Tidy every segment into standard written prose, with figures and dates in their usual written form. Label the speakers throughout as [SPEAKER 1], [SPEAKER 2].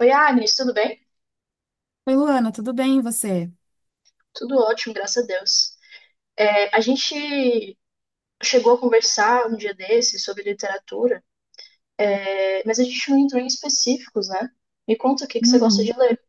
[SPEAKER 1] Oi, Agnes, tudo bem?
[SPEAKER 2] Oi, Luana, tudo bem, e você?
[SPEAKER 1] Tudo ótimo, graças a Deus. É, a gente chegou a conversar um dia desses sobre literatura, é, mas a gente não entrou em específicos, né? Me conta o que que você gosta de
[SPEAKER 2] Uhum.
[SPEAKER 1] ler.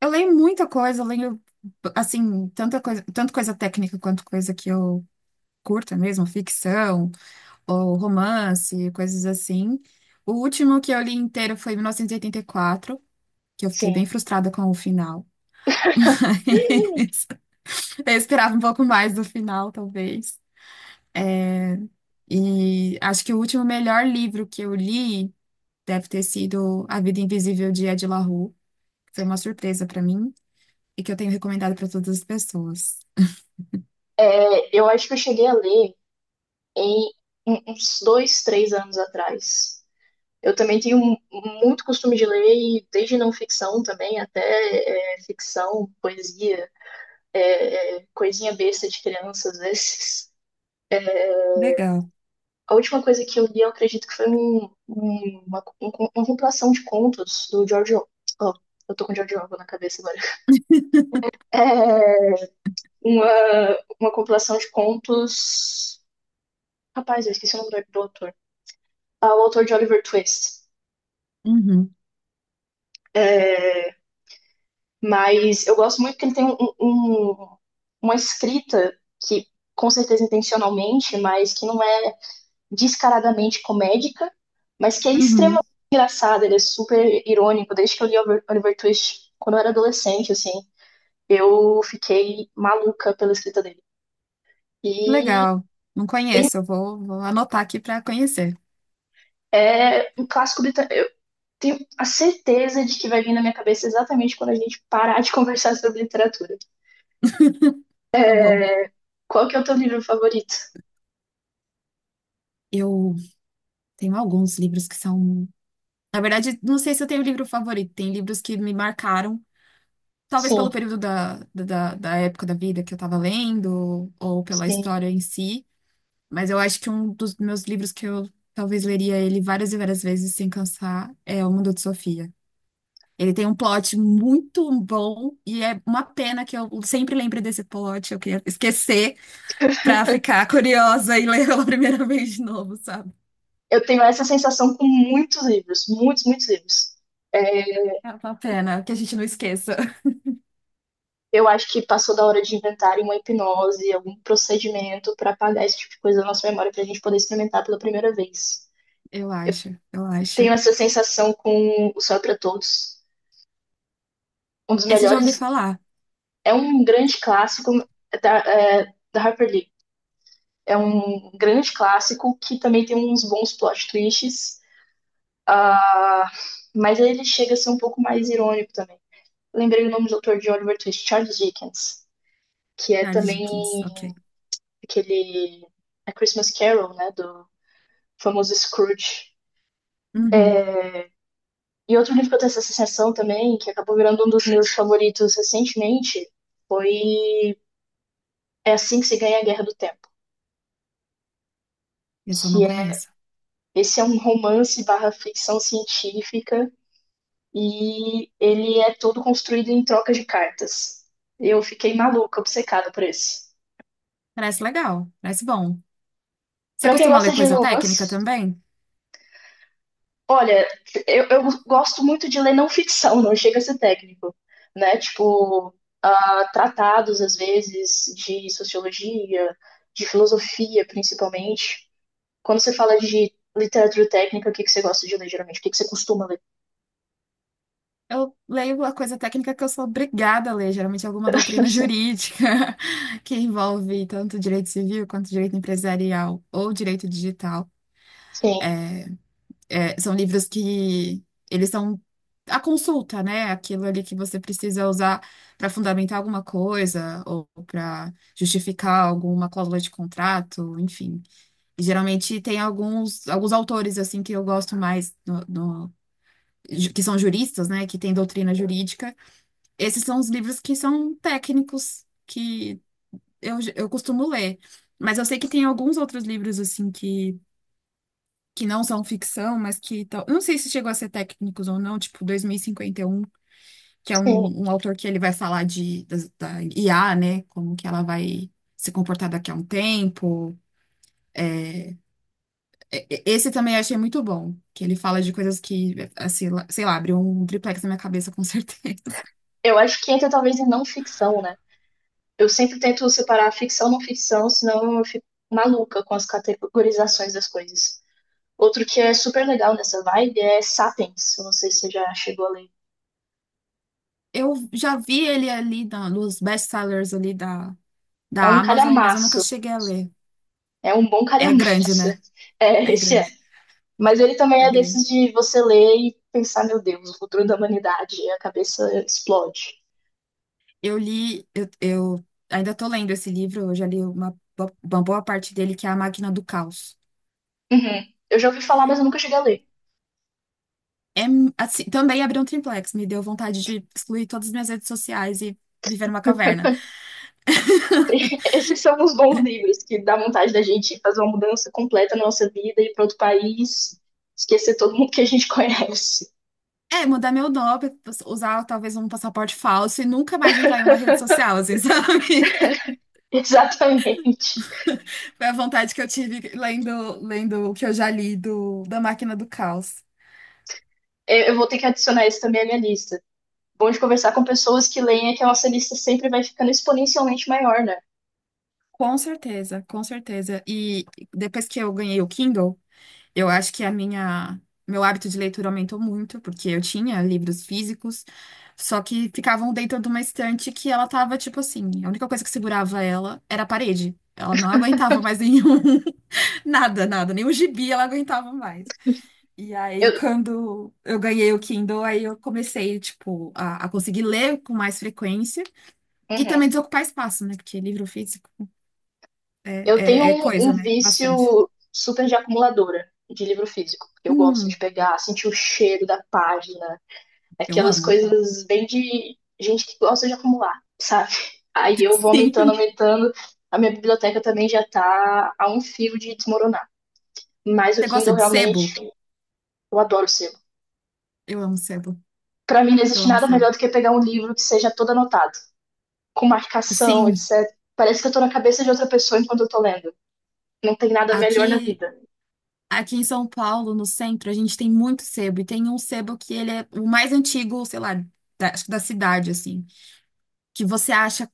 [SPEAKER 2] Eu leio muita coisa, eu leio, assim, tanta coisa, tanto coisa técnica quanto coisa que eu curto mesmo, ficção, ou romance, coisas assim. O último que eu li inteiro foi 1984, que eu fiquei
[SPEAKER 1] Sim.
[SPEAKER 2] bem frustrada com o final. Eu esperava um pouco mais do final, talvez. E acho que o último melhor livro que eu li deve ter sido A Vida Invisível de Ed La Rue. Foi uma surpresa para mim e que eu tenho recomendado para todas as pessoas.
[SPEAKER 1] É, eu acho que eu cheguei a ler em uns dois, três anos atrás. Eu também tenho muito costume de ler, e desde não ficção também, até é, ficção, poesia, é, é, coisinha besta de criança às vezes.
[SPEAKER 2] Legal.
[SPEAKER 1] A última coisa que eu li, eu acredito que foi uma compilação de contos do George Orwell. Oh, eu tô com George Orwell na cabeça agora. É uma compilação de contos. Rapaz, eu esqueci o nome do autor. Ah, o autor de Oliver Twist.
[SPEAKER 2] Uhum,
[SPEAKER 1] Mas eu gosto muito que ele tem um, uma escrita que, com certeza intencionalmente, mas que não é descaradamente comédica, mas que é
[SPEAKER 2] uhum.
[SPEAKER 1] extremamente engraçado, ele é super irônico. Desde que eu li Oliver, Oliver Twist quando eu era adolescente, assim, eu fiquei maluca pela escrita dele. E
[SPEAKER 2] Legal. Não
[SPEAKER 1] tem,
[SPEAKER 2] conheço, eu vou, anotar aqui para conhecer.
[SPEAKER 1] é um clássico britânico. Eu tenho a certeza de que vai vir na minha cabeça exatamente quando a gente parar de conversar sobre literatura.
[SPEAKER 2] Tá bom.
[SPEAKER 1] Qual que é o teu livro favorito?
[SPEAKER 2] Eu tenho alguns livros que são. Na verdade, não sei se eu tenho livro favorito. Tem livros que me marcaram, talvez
[SPEAKER 1] Sim,
[SPEAKER 2] pelo período da época da vida que eu estava lendo, ou pela
[SPEAKER 1] sim.
[SPEAKER 2] história em si. Mas eu acho que um dos meus livros que eu talvez leria ele várias e várias vezes sem cansar é O Mundo de Sofia. Ele tem um plot muito bom e é uma pena que eu sempre lembre desse plot. Eu queria esquecer pra ficar curiosa e ler pela primeira vez de novo, sabe?
[SPEAKER 1] Eu tenho essa sensação com muitos livros, muitos, muitos livros.
[SPEAKER 2] É uma pena que a gente não esqueça.
[SPEAKER 1] Eu acho que passou da hora de inventarem uma hipnose, algum procedimento para apagar esse tipo de coisa da nossa memória para a gente poder experimentar pela primeira vez.
[SPEAKER 2] Eu acho, eu acho.
[SPEAKER 1] Tenho essa sensação com O Céu é para Todos. Um dos
[SPEAKER 2] Esse eu já ouvi
[SPEAKER 1] melhores.
[SPEAKER 2] falar.
[SPEAKER 1] É um grande clássico é, da Harper Lee. É um grande clássico que também tem uns bons plot twists. Ah, mas ele chega a ser um pouco mais irônico também. Lembrei o nome do autor de Oliver Twist, Charles Dickens, que é
[SPEAKER 2] Charles
[SPEAKER 1] também
[SPEAKER 2] Dickens, ok.
[SPEAKER 1] aquele A Christmas Carol, né, do famoso Scrooge.
[SPEAKER 2] Uhum.
[SPEAKER 1] E outro livro que eu tenho essa associação também, que acabou virando um dos meus favoritos recentemente, foi É Assim que se ganha a Guerra do Tempo.
[SPEAKER 2] Esse eu não
[SPEAKER 1] Que é,
[SPEAKER 2] conheço.
[SPEAKER 1] esse é um romance barra ficção científica e ele é todo construído em troca de cartas. Eu fiquei maluca, obcecada por esse.
[SPEAKER 2] Parece legal, parece bom. Você
[SPEAKER 1] Pra quem
[SPEAKER 2] costuma ler
[SPEAKER 1] gosta de
[SPEAKER 2] coisa técnica
[SPEAKER 1] romance,
[SPEAKER 2] também?
[SPEAKER 1] olha, eu gosto muito de ler não ficção, não chega a ser técnico, né? Tipo, ah, tratados, às vezes, de sociologia, de filosofia, principalmente. Quando você fala de literatura técnica, o que que você gosta de ler, geralmente? O que que você costuma ler?
[SPEAKER 2] Eu leio a coisa técnica que eu sou obrigada a ler, geralmente é alguma doutrina jurídica que envolve tanto direito civil quanto direito empresarial ou direito digital.
[SPEAKER 1] Sim,
[SPEAKER 2] É, são livros que eles são a consulta, né? Aquilo ali que você precisa usar para fundamentar alguma coisa ou para justificar alguma cláusula de contrato, enfim. E, geralmente tem alguns autores assim que eu gosto mais que são juristas, né? Que têm doutrina jurídica. Esses são os livros que são técnicos, que eu costumo ler. Mas eu sei que tem alguns outros livros, assim, que não são ficção, mas que tal. Eu Não sei se chegou a ser técnicos ou não, tipo dois mil e cinquenta e um, que é
[SPEAKER 1] sim.
[SPEAKER 2] um autor que ele vai falar da IA, né? Como que ela vai se comportar daqui a um tempo. Esse também eu achei muito bom, que ele fala de coisas que, assim, lá- sei lá, abriu um triplex na minha cabeça, com certeza.
[SPEAKER 1] Eu acho que entra talvez em não ficção, né? Eu sempre tento separar ficção e não ficção, senão eu fico maluca com as categorizações das coisas. Outro que é super legal nessa vibe é Sapiens. Eu não sei se você já chegou a ler.
[SPEAKER 2] Eu já vi ele ali nos best-sellers ali da
[SPEAKER 1] É
[SPEAKER 2] da
[SPEAKER 1] um
[SPEAKER 2] Amazon, mas eu nunca
[SPEAKER 1] calhamaço.
[SPEAKER 2] cheguei a ler.
[SPEAKER 1] É um bom
[SPEAKER 2] É grande,
[SPEAKER 1] calhamaço.
[SPEAKER 2] né?
[SPEAKER 1] É,
[SPEAKER 2] É
[SPEAKER 1] esse é.
[SPEAKER 2] grande,
[SPEAKER 1] Mas ele também
[SPEAKER 2] é
[SPEAKER 1] é
[SPEAKER 2] grande.
[SPEAKER 1] desses de você ler e pensar, meu Deus, o futuro da humanidade, e a cabeça explode.
[SPEAKER 2] Eu ainda tô lendo esse livro, eu já li uma boa parte dele, que é A Máquina do Caos.
[SPEAKER 1] Uhum. Eu já ouvi falar, mas eu nunca cheguei a ler.
[SPEAKER 2] É, assim, também abriu um triplex, me deu vontade de excluir todas as minhas redes sociais e viver numa caverna.
[SPEAKER 1] Esses são os bons livros que dá vontade da gente fazer uma mudança completa na nossa vida ir para outro país, esquecer todo mundo que a gente conhece.
[SPEAKER 2] É, mudar meu nome, usar talvez um passaporte falso e nunca mais entrar em uma rede social, assim, sabe?
[SPEAKER 1] Exatamente.
[SPEAKER 2] Foi a vontade que eu tive lendo o que eu já li da Máquina do Caos.
[SPEAKER 1] Eu vou ter que adicionar esse também à minha lista. Bom de conversar com pessoas que leem é que a nossa lista sempre vai ficando exponencialmente maior, né?
[SPEAKER 2] Com certeza, com certeza. E depois que eu ganhei o Kindle, eu acho que a minha meu hábito de leitura aumentou muito, porque eu tinha livros físicos, só que ficavam dentro de uma estante que ela tava tipo assim, a única coisa que segurava ela era a parede. Ela não aguentava mais nenhum, nada, nada, nem o gibi ela aguentava mais. E aí,
[SPEAKER 1] Eu,
[SPEAKER 2] quando eu ganhei o Kindle, aí eu comecei, tipo, a conseguir ler com mais frequência e
[SPEAKER 1] Uhum.
[SPEAKER 2] também desocupar espaço, né? Porque livro físico.
[SPEAKER 1] Eu tenho
[SPEAKER 2] É
[SPEAKER 1] um
[SPEAKER 2] coisa, né? Bastante.
[SPEAKER 1] vício super de acumuladora de livro físico. Eu gosto
[SPEAKER 2] Hum,
[SPEAKER 1] de pegar, sentir o cheiro da página,
[SPEAKER 2] eu
[SPEAKER 1] aquelas
[SPEAKER 2] amo.
[SPEAKER 1] coisas bem de gente que gosta de acumular, sabe? Aí eu vou aumentando,
[SPEAKER 2] Sim.
[SPEAKER 1] aumentando. A minha biblioteca também já tá a um fio de desmoronar. Mas o
[SPEAKER 2] Você gosta
[SPEAKER 1] Kindle
[SPEAKER 2] de
[SPEAKER 1] realmente,
[SPEAKER 2] sebo?
[SPEAKER 1] eu adoro o selo.
[SPEAKER 2] Eu amo sebo.
[SPEAKER 1] Pra mim não
[SPEAKER 2] Eu
[SPEAKER 1] existe
[SPEAKER 2] amo
[SPEAKER 1] nada
[SPEAKER 2] sebo.
[SPEAKER 1] melhor do que pegar um livro que seja todo anotado, com marcação,
[SPEAKER 2] Sim,
[SPEAKER 1] etc. Parece que eu tô na cabeça de outra pessoa enquanto eu tô lendo. Não tem nada melhor na
[SPEAKER 2] aqui,
[SPEAKER 1] vida.
[SPEAKER 2] aqui em São Paulo, no centro, a gente tem muito sebo. E tem um sebo que ele é o mais antigo, sei lá, acho que da cidade, assim. Que você acha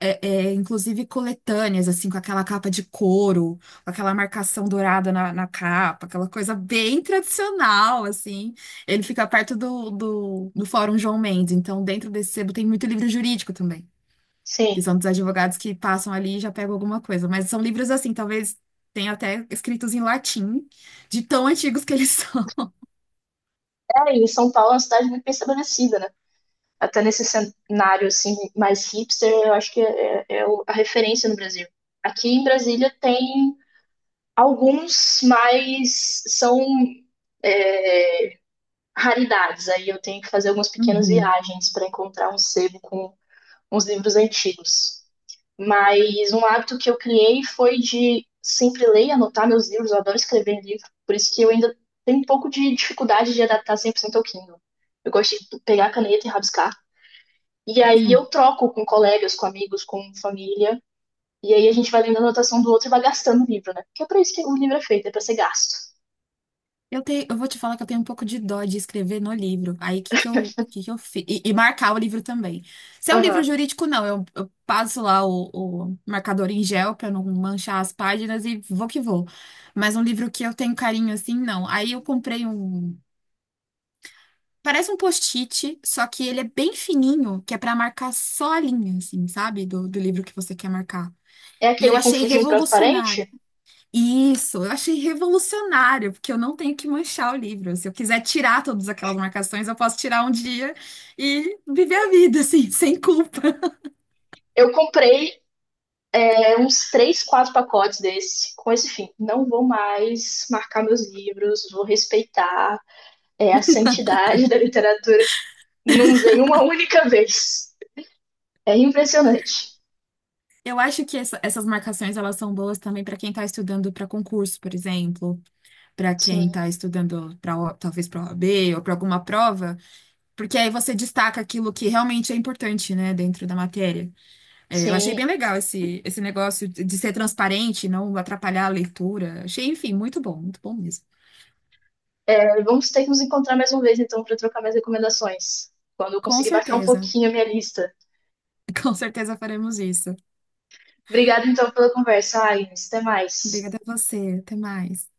[SPEAKER 2] inclusive coletâneas, assim, com aquela capa de couro, com aquela marcação dourada na capa, aquela coisa bem tradicional, assim. Ele fica perto do Fórum João Mendes, então dentro desse sebo tem muito livro jurídico também,
[SPEAKER 1] Sim.
[SPEAKER 2] que são dos advogados que passam ali e já pegam alguma coisa. Mas são livros assim, talvez tenha até escritos em latim, de tão antigos que eles são.
[SPEAKER 1] É, e São Paulo é uma cidade muito bem estabelecida, né? Até nesse cenário assim mais hipster, eu acho que é, a referência no Brasil. Aqui em Brasília tem alguns, mas são raridades. Aí eu tenho que fazer algumas pequenas
[SPEAKER 2] Uhum,
[SPEAKER 1] viagens para encontrar um sebo com uns livros antigos. Mas um hábito que eu criei foi de sempre ler e anotar meus livros. Eu adoro escrever livro, por isso que eu ainda tenho um pouco de dificuldade de adaptar 100% ao Kindle. Eu gosto de pegar a caneta e rabiscar. E aí eu
[SPEAKER 2] sim.
[SPEAKER 1] troco com colegas, com amigos, com família. E aí a gente vai lendo a anotação do outro e vai gastando o livro, né? Porque é pra isso que o livro é feito, é pra ser gasto.
[SPEAKER 2] Eu tenho, eu vou te falar que eu tenho um pouco de dó de escrever no livro. Aí, o que que eu fiz? E marcar o livro também. Se é um livro
[SPEAKER 1] Aham.
[SPEAKER 2] jurídico, não. Eu passo lá o marcador em gel pra não manchar as páginas e vou que vou. Mas um livro que eu tenho carinho assim, não. Aí eu comprei um. Parece um post-it, só que ele é bem fininho, que é pra marcar só a linha, assim, sabe? Do livro que você quer marcar.
[SPEAKER 1] É
[SPEAKER 2] E eu
[SPEAKER 1] aquele com
[SPEAKER 2] achei
[SPEAKER 1] fundinho
[SPEAKER 2] revolucionário.
[SPEAKER 1] transparente.
[SPEAKER 2] Isso, eu achei revolucionário, porque eu não tenho que manchar o livro. Se eu quiser tirar todas aquelas marcações, eu posso tirar um dia e viver a vida, assim, sem culpa.
[SPEAKER 1] Eu comprei é, uns três, quatro pacotes desse, com esse fim. Não vou mais marcar meus livros, vou respeitar é, a santidade da literatura. Não usei uma única vez. É impressionante.
[SPEAKER 2] Eu acho que essas marcações, elas são boas também para quem está estudando para concurso, por exemplo, para quem
[SPEAKER 1] Sim.
[SPEAKER 2] está estudando para talvez para o OAB ou para alguma prova, porque aí você destaca aquilo que realmente é importante, né, dentro da matéria. É, eu achei
[SPEAKER 1] Sim,
[SPEAKER 2] bem legal esse negócio de ser transparente, não atrapalhar a leitura. Achei, enfim, muito bom mesmo.
[SPEAKER 1] vamos ter que nos encontrar mais uma vez, então, para trocar mais recomendações. Quando eu
[SPEAKER 2] Com
[SPEAKER 1] conseguir baixar um
[SPEAKER 2] certeza.
[SPEAKER 1] pouquinho a minha lista.
[SPEAKER 2] Com certeza faremos isso.
[SPEAKER 1] Obrigada, então, pela conversa, Agnes. Até mais.
[SPEAKER 2] Obrigada a você. Até mais.